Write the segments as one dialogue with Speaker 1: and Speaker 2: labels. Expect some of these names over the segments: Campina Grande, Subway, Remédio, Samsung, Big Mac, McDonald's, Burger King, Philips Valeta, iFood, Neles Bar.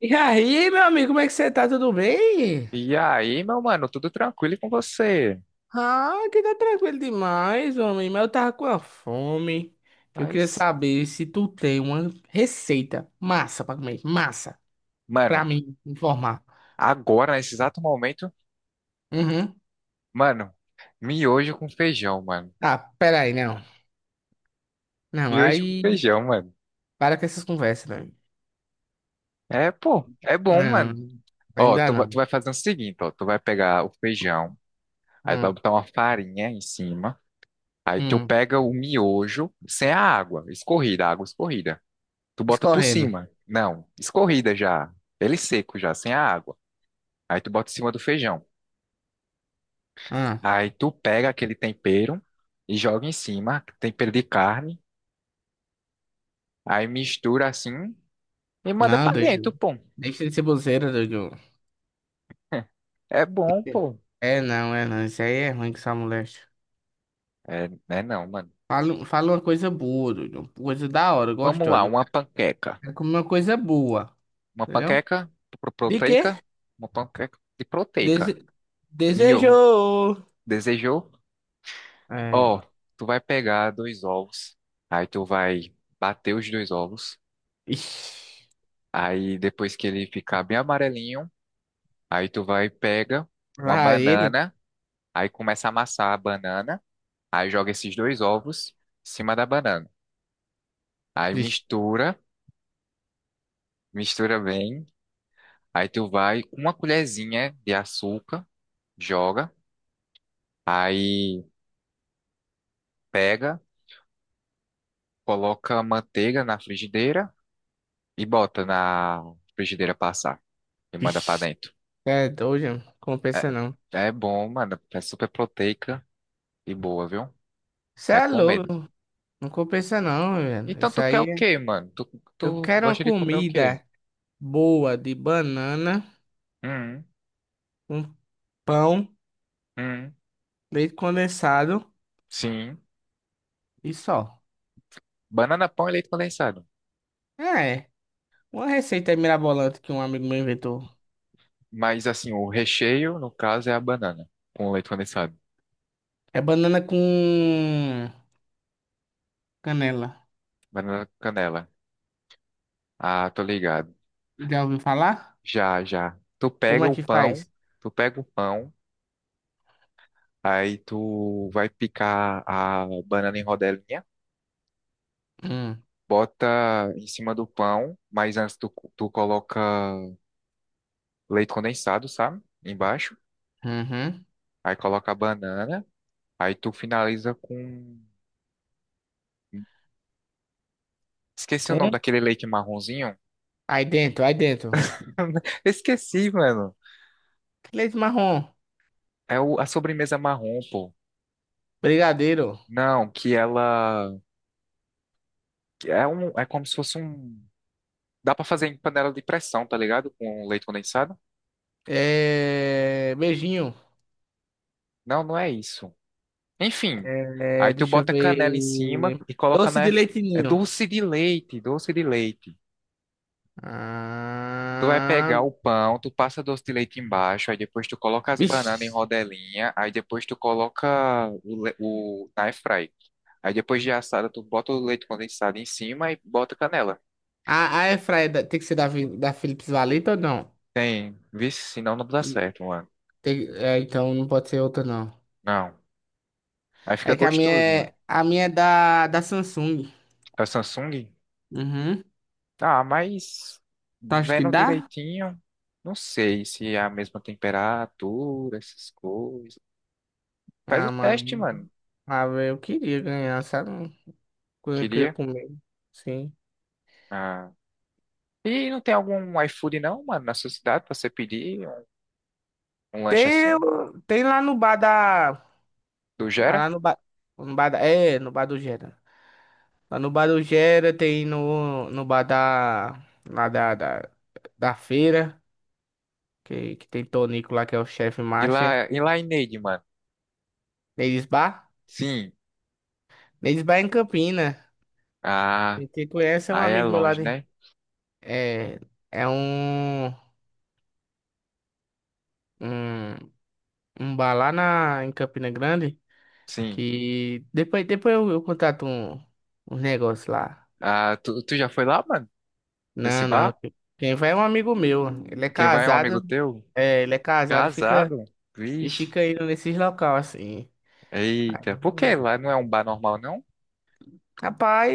Speaker 1: E aí, meu amigo, como é que você tá? Tudo bem?
Speaker 2: E aí, meu mano, tudo tranquilo e com você?
Speaker 1: Ah, que tá tranquilo demais, homem. Mas eu tava com a fome. Eu queria
Speaker 2: Mas,
Speaker 1: saber se tu tem uma receita massa pra comer. Massa. Pra
Speaker 2: mano,
Speaker 1: mim informar.
Speaker 2: agora, nesse exato momento,
Speaker 1: Uhum.
Speaker 2: mano, miojo com feijão, mano.
Speaker 1: Tá, pera aí, não. Não,
Speaker 2: Miojo com
Speaker 1: aí...
Speaker 2: feijão, mano.
Speaker 1: Para com essas conversas, né?
Speaker 2: É, pô, é bom, mano.
Speaker 1: Não,
Speaker 2: Ó,
Speaker 1: ainda
Speaker 2: tu, tu
Speaker 1: não.
Speaker 2: vai fazer o seguinte, ó, tu vai pegar o feijão, aí tu vai
Speaker 1: Hum,
Speaker 2: botar uma farinha em cima, aí tu
Speaker 1: hum.
Speaker 2: pega o miojo sem a água, escorrida, a água escorrida. Tu bota por
Speaker 1: Escorrendo.
Speaker 2: cima. Não, escorrida já. Ele seco já, sem a água. Aí tu bota em cima do feijão.
Speaker 1: Ah,
Speaker 2: Aí tu pega aquele tempero e joga em cima, tempero de carne, aí mistura assim e manda
Speaker 1: não,
Speaker 2: pra dentro,
Speaker 1: doido.
Speaker 2: pô.
Speaker 1: Deixa de ser bozeira, doido.
Speaker 2: É bom, pô.
Speaker 1: É não, é não. Isso aí é ruim que essa mulher.
Speaker 2: É, né, não, mano.
Speaker 1: Fala uma coisa boa, doido. Uma coisa da hora,
Speaker 2: Vamos lá,
Speaker 1: gostosa.
Speaker 2: uma panqueca.
Speaker 1: Quero comer uma coisa boa,
Speaker 2: Uma
Speaker 1: entendeu?
Speaker 2: panqueca
Speaker 1: De quê?
Speaker 2: proteica, uma panqueca de proteica.
Speaker 1: Dese...
Speaker 2: De ovo.
Speaker 1: Desejou.
Speaker 2: Desejou?
Speaker 1: É.
Speaker 2: Ó, tu vai pegar dois ovos, aí tu vai bater os dois ovos,
Speaker 1: Ixi.
Speaker 2: aí depois que ele ficar bem amarelinho, aí tu vai pega uma
Speaker 1: Lá ele.
Speaker 2: banana, aí começa a amassar a banana. Aí joga esses dois ovos em cima da banana. Aí
Speaker 1: Ixi,
Speaker 2: mistura, mistura bem. Aí tu vai com uma colherzinha de açúcar, joga. Aí pega, coloca a manteiga na frigideira e bota na frigideira passar e manda pra
Speaker 1: ixi.
Speaker 2: dentro.
Speaker 1: É doido, não
Speaker 2: É,
Speaker 1: compensa não.
Speaker 2: é bom, mano. É super proteica e boa, viu?
Speaker 1: Você é
Speaker 2: Recomendo.
Speaker 1: louco, não compensa não, velho.
Speaker 2: Então
Speaker 1: Isso
Speaker 2: tu quer
Speaker 1: aí
Speaker 2: o
Speaker 1: é...
Speaker 2: quê, mano? Tu,
Speaker 1: Eu
Speaker 2: tu
Speaker 1: quero uma
Speaker 2: gosta de comer o quê?
Speaker 1: comida boa de banana,
Speaker 2: Hum,
Speaker 1: um pão,
Speaker 2: hum,
Speaker 1: leite condensado
Speaker 2: sim.
Speaker 1: e só.
Speaker 2: Banana pão e leite condensado.
Speaker 1: É, uma receita aí mirabolante que um amigo meu inventou.
Speaker 2: Mas assim, o recheio, no caso, é a banana, com leite condensado.
Speaker 1: É banana com canela.
Speaker 2: Banana com canela. Ah, tô ligado.
Speaker 1: Já ouviu falar?
Speaker 2: Já, já. Tu
Speaker 1: Como
Speaker 2: pega
Speaker 1: é
Speaker 2: o
Speaker 1: que
Speaker 2: pão,
Speaker 1: faz?
Speaker 2: tu pega o pão, aí tu vai picar a banana em rodelinha,
Speaker 1: Hum,
Speaker 2: bota em cima do pão, mas antes tu coloca leite condensado, sabe? Embaixo.
Speaker 1: uhum.
Speaker 2: Aí coloca a banana, aí tu finaliza com um. Esqueci o nome
Speaker 1: Com?
Speaker 2: daquele leite marronzinho.
Speaker 1: Aí dentro.
Speaker 2: Esqueci, mano.
Speaker 1: Leite marrom.
Speaker 2: É a sobremesa marrom, pô.
Speaker 1: Brigadeiro.
Speaker 2: Não, que ela que é um, é como se fosse um, dá pra fazer em panela de pressão, tá ligado? Com leite condensado?
Speaker 1: É... Beijinho.
Speaker 2: Não, não é isso. Enfim,
Speaker 1: É...
Speaker 2: aí tu
Speaker 1: Deixa eu
Speaker 2: bota canela em cima
Speaker 1: ver.
Speaker 2: e coloca
Speaker 1: Doce
Speaker 2: na
Speaker 1: de leite
Speaker 2: é
Speaker 1: ninho.
Speaker 2: doce de leite, doce de leite. Tu vai
Speaker 1: Ah...
Speaker 2: pegar o pão, tu passa doce de leite embaixo, aí depois tu coloca as
Speaker 1: Vixe.
Speaker 2: bananas em rodelinha, aí depois tu coloca o, o na air fry. Aí depois de assada tu bota o leite condensado em cima e bota canela.
Speaker 1: A airfryer tem que ser da Philips Valeta ou não?
Speaker 2: Tem, vixe, senão não dá certo, mano.
Speaker 1: É, então não pode ser outra, não.
Speaker 2: Não. Aí fica
Speaker 1: É que a minha
Speaker 2: gostoso, mano.
Speaker 1: é, a minha é da Samsung.
Speaker 2: A Samsung,
Speaker 1: Uhum.
Speaker 2: ah, mas
Speaker 1: Tu acha que
Speaker 2: vendo
Speaker 1: dá?
Speaker 2: direitinho, não sei se é a mesma temperatura, essas coisas. Faz o
Speaker 1: Ah,
Speaker 2: teste,
Speaker 1: mano.
Speaker 2: mano.
Speaker 1: Ah, velho, eu queria ganhar, sabe? Coisa que eu queria
Speaker 2: Queria.
Speaker 1: comer. Sim.
Speaker 2: Ah. E não tem algum iFood não, mano, na sua cidade pra você pedir um, um lanche
Speaker 1: Tem,
Speaker 2: assim?
Speaker 1: tem lá no bar da.
Speaker 2: Do
Speaker 1: Ah,
Speaker 2: Gera?
Speaker 1: lá no bar. No bar da, é, no bar do Gera. Lá no bar do Gera tem no bar da. Lá da feira. Que tem Tonico lá, que é o chefe master.
Speaker 2: E lá em Neide, mano?
Speaker 1: Neles Bar.
Speaker 2: Sim.
Speaker 1: Neles Bar é em Campina.
Speaker 2: Ah,
Speaker 1: Quem te conhece é um
Speaker 2: aí é
Speaker 1: amigo meu lá
Speaker 2: longe,
Speaker 1: de.
Speaker 2: né?
Speaker 1: É. É um. Um, um bar lá na, em Campina Grande.
Speaker 2: Sim.
Speaker 1: Que depois eu contrato um negócio lá.
Speaker 2: Ah, tu, tu já foi lá, mano? Nesse
Speaker 1: Não, não.
Speaker 2: bar?
Speaker 1: Quem vai é um amigo meu. Ele é
Speaker 2: Quem vai é um amigo
Speaker 1: casado.
Speaker 2: teu?
Speaker 1: É, ele é casado
Speaker 2: Casado?
Speaker 1: e
Speaker 2: Vixe.
Speaker 1: fica indo nesses local assim. Aí,
Speaker 2: Eita, por que
Speaker 1: eu-
Speaker 2: lá não é um bar normal, não?
Speaker 1: Rapaz,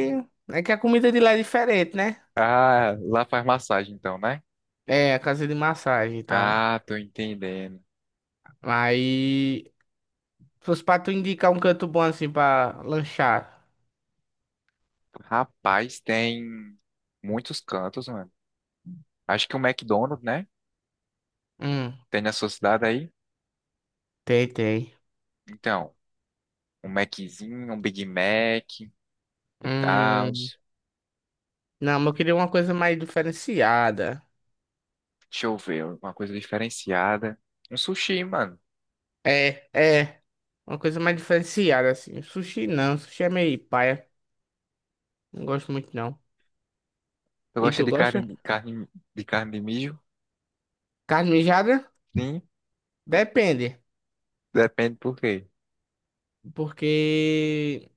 Speaker 1: é que a comida de lá é diferente, né?
Speaker 2: Ah, lá faz massagem então, né?
Speaker 1: É, a casa de massagem e tal.
Speaker 2: Ah, tô entendendo.
Speaker 1: Aí, se fosse pra tu indicar um canto bom assim pra lanchar.
Speaker 2: Rapaz, tem muitos cantos, mano. Acho que o McDonald's, né?
Speaker 1: Hum,
Speaker 2: Tem na sua cidade aí?
Speaker 1: tem, tem.
Speaker 2: Então, um Maczinho, um Big Mac e tal.
Speaker 1: Hum, não, mas eu queria uma coisa mais diferenciada.
Speaker 2: Deixa eu ver, uma coisa diferenciada. Um sushi, mano.
Speaker 1: É, é. Uma coisa mais diferenciada, assim. Sushi não, sushi é meio paia. Não gosto muito, não.
Speaker 2: Tu
Speaker 1: E
Speaker 2: gosta
Speaker 1: tu
Speaker 2: de
Speaker 1: gosta?
Speaker 2: carne de carne de carne de mijo?
Speaker 1: Carne mijada?
Speaker 2: Sim,
Speaker 1: Depende.
Speaker 2: depende por quê.
Speaker 1: Porque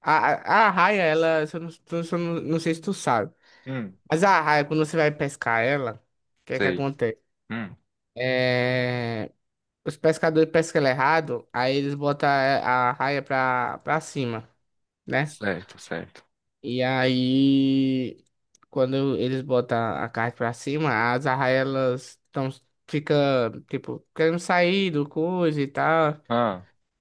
Speaker 1: a arraia, ela, se eu não, não sei se tu sabe,
Speaker 2: Hum,
Speaker 1: mas a arraia, quando você vai pescar ela, o que é que
Speaker 2: sei.
Speaker 1: acontece?
Speaker 2: Hum,
Speaker 1: É, os pescadores pescam ela errado, aí eles botam a arraia pra cima, né?
Speaker 2: certo, certo.
Speaker 1: E aí. Quando eles botam a carne pra cima, as arraias tão fica tipo querendo sair do coisa e tal,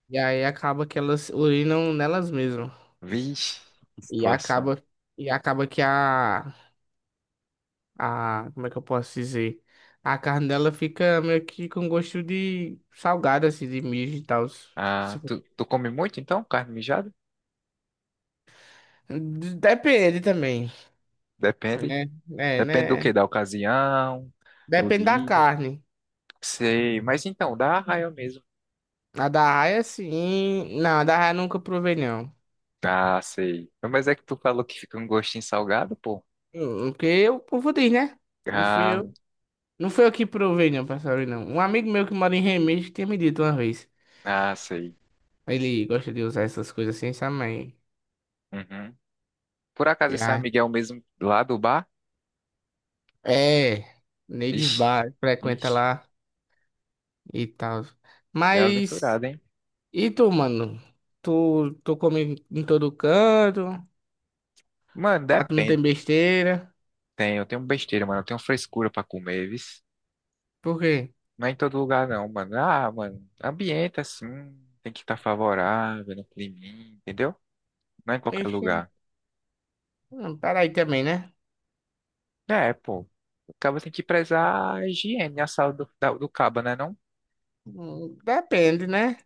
Speaker 1: e aí acaba que elas urinam nelas mesmas.
Speaker 2: Vixe, que
Speaker 1: E
Speaker 2: situação.
Speaker 1: acaba e acaba que a como é que eu posso dizer? A carne dela fica meio que com gosto de salgada assim, de mijo e tal.
Speaker 2: Ah, tu, tu come muito então, carne mijada?
Speaker 1: Depende também,
Speaker 2: Depende.
Speaker 1: né? É,
Speaker 2: Depende do que?
Speaker 1: né?
Speaker 2: Da ocasião, do
Speaker 1: Depende da
Speaker 2: dia.
Speaker 1: carne.
Speaker 2: Sei, mas então, dá arraia mesmo.
Speaker 1: A da arraia, sim. Não, a da arraia nunca provei, não.
Speaker 2: Ah, sei. Mas é que tu falou que fica um gostinho salgado, pô.
Speaker 1: Porque eu, o povo né? Não fui
Speaker 2: Ah,
Speaker 1: eu. Não fui eu que provei, não, passarinho, não. Um amigo meu que mora em Remédio tinha me dito uma vez.
Speaker 2: ah, sei.
Speaker 1: Ele gosta de usar essas coisas assim, sabe? Mas
Speaker 2: Uhum. Por acaso esse
Speaker 1: já.
Speaker 2: amigo é o mesmo lá do bar?
Speaker 1: É. Neides
Speaker 2: Vixe,
Speaker 1: Bar, frequenta
Speaker 2: vixe,
Speaker 1: lá e tal. Mas.
Speaker 2: bem-aventurado, hein?
Speaker 1: E tu, mano? Tu come em todo canto?
Speaker 2: Mano,
Speaker 1: Pra tu não tem
Speaker 2: depende.
Speaker 1: besteira?
Speaker 2: Tem, eu tenho besteira, mano. Eu tenho frescura pra comer, viu?
Speaker 1: Por quê?
Speaker 2: Não é em todo lugar, não, mano. Ah, mano, ambiente assim, tem que estar favorável, no climinha, entendeu? Não é em qualquer
Speaker 1: Ixi.
Speaker 2: lugar.
Speaker 1: Hum, peraí também, né?
Speaker 2: É, pô. O cabo tem que prezar a higiene, a saúde do, do cabo, né? Não,
Speaker 1: Depende, né?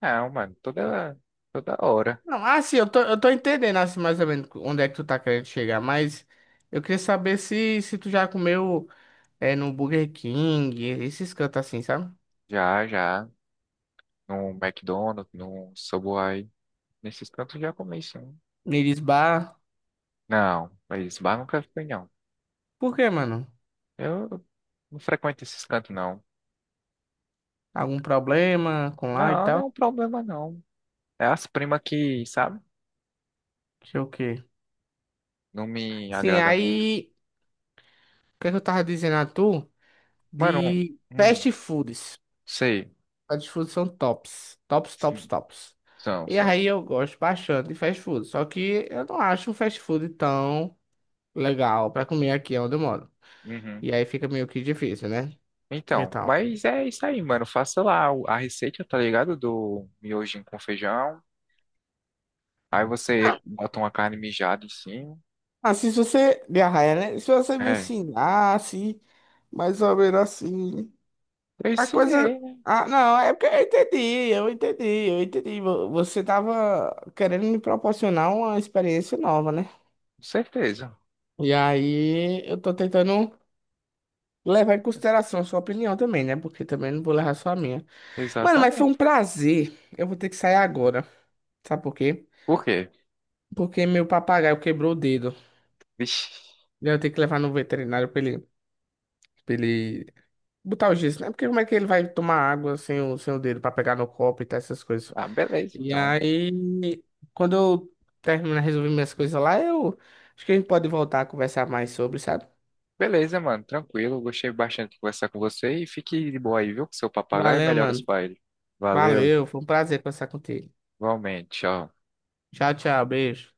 Speaker 2: não, mano, toda, toda hora.
Speaker 1: Não, assim, eu tô entendendo assim, mais ou menos onde é que tu tá querendo chegar, mas eu queria saber se tu já comeu é, no Burger King, esses cantos assim, sabe?
Speaker 2: Já, já. No McDonald's, no Subway, nesses cantos já comi sim.
Speaker 1: Neles Bar.
Speaker 2: Não, mas bar nunca fui, não.
Speaker 1: Por quê, mano?
Speaker 2: Eu não frequento esses cantos, não.
Speaker 1: Algum problema com lá e
Speaker 2: Não, não é
Speaker 1: tal?
Speaker 2: um problema, não. É as primas que, sabe?
Speaker 1: Sei o quê.
Speaker 2: Não me
Speaker 1: Sim,
Speaker 2: agrada muito.
Speaker 1: aí, o que é que eu tava dizendo a tu?
Speaker 2: Mano,
Speaker 1: De
Speaker 2: hum,
Speaker 1: fast foods.
Speaker 2: sei.
Speaker 1: Fast foods são tops. Tops, tops,
Speaker 2: Sim,
Speaker 1: tops.
Speaker 2: são,
Speaker 1: E
Speaker 2: são.
Speaker 1: aí eu gosto bastante de fast food, só que eu não acho um fast food tão legal pra comer aqui onde eu moro.
Speaker 2: Uhum.
Speaker 1: E aí fica meio que difícil, né? E
Speaker 2: Então,
Speaker 1: tal.
Speaker 2: mas é isso aí, mano. Faça lá a receita, tá ligado? Do miojinho com feijão. Aí você
Speaker 1: Não.
Speaker 2: bota uma carne mijada em cima.
Speaker 1: Assim, se você. De arraia, né? Se você me
Speaker 2: É,
Speaker 1: ensinasse, mais ou menos assim.
Speaker 2: eu
Speaker 1: A coisa.
Speaker 2: ensinei, né?
Speaker 1: Ah, não, é porque eu entendi, eu entendi. Você tava querendo me proporcionar uma experiência nova, né?
Speaker 2: Com certeza.
Speaker 1: E aí eu tô tentando levar em consideração a sua opinião também, né? Porque também não vou levar só a minha. Mano, mas foi um
Speaker 2: Exatamente.
Speaker 1: prazer. Eu vou ter que sair agora. Sabe por quê?
Speaker 2: Por quê?
Speaker 1: Porque meu papagaio quebrou o dedo.
Speaker 2: Vixe.
Speaker 1: E eu tenho que levar no veterinário pra ele botar o gesso, né? Porque como é que ele vai tomar água sem o dedo pra pegar no copo e tal, essas coisas.
Speaker 2: Ah, beleza,
Speaker 1: E
Speaker 2: então.
Speaker 1: aí, quando eu terminar de resolver minhas coisas lá, eu acho que a gente pode voltar a conversar mais sobre, sabe?
Speaker 2: Beleza, mano. Tranquilo. Gostei bastante de conversar com você. E fique de boa aí, viu? Com seu papagaio.
Speaker 1: Valeu,
Speaker 2: Melhoras
Speaker 1: mano.
Speaker 2: pra ele. Valeu.
Speaker 1: Valeu, foi um prazer conversar contigo.
Speaker 2: Igualmente. Tchau.
Speaker 1: Tchau, tchau, beijo.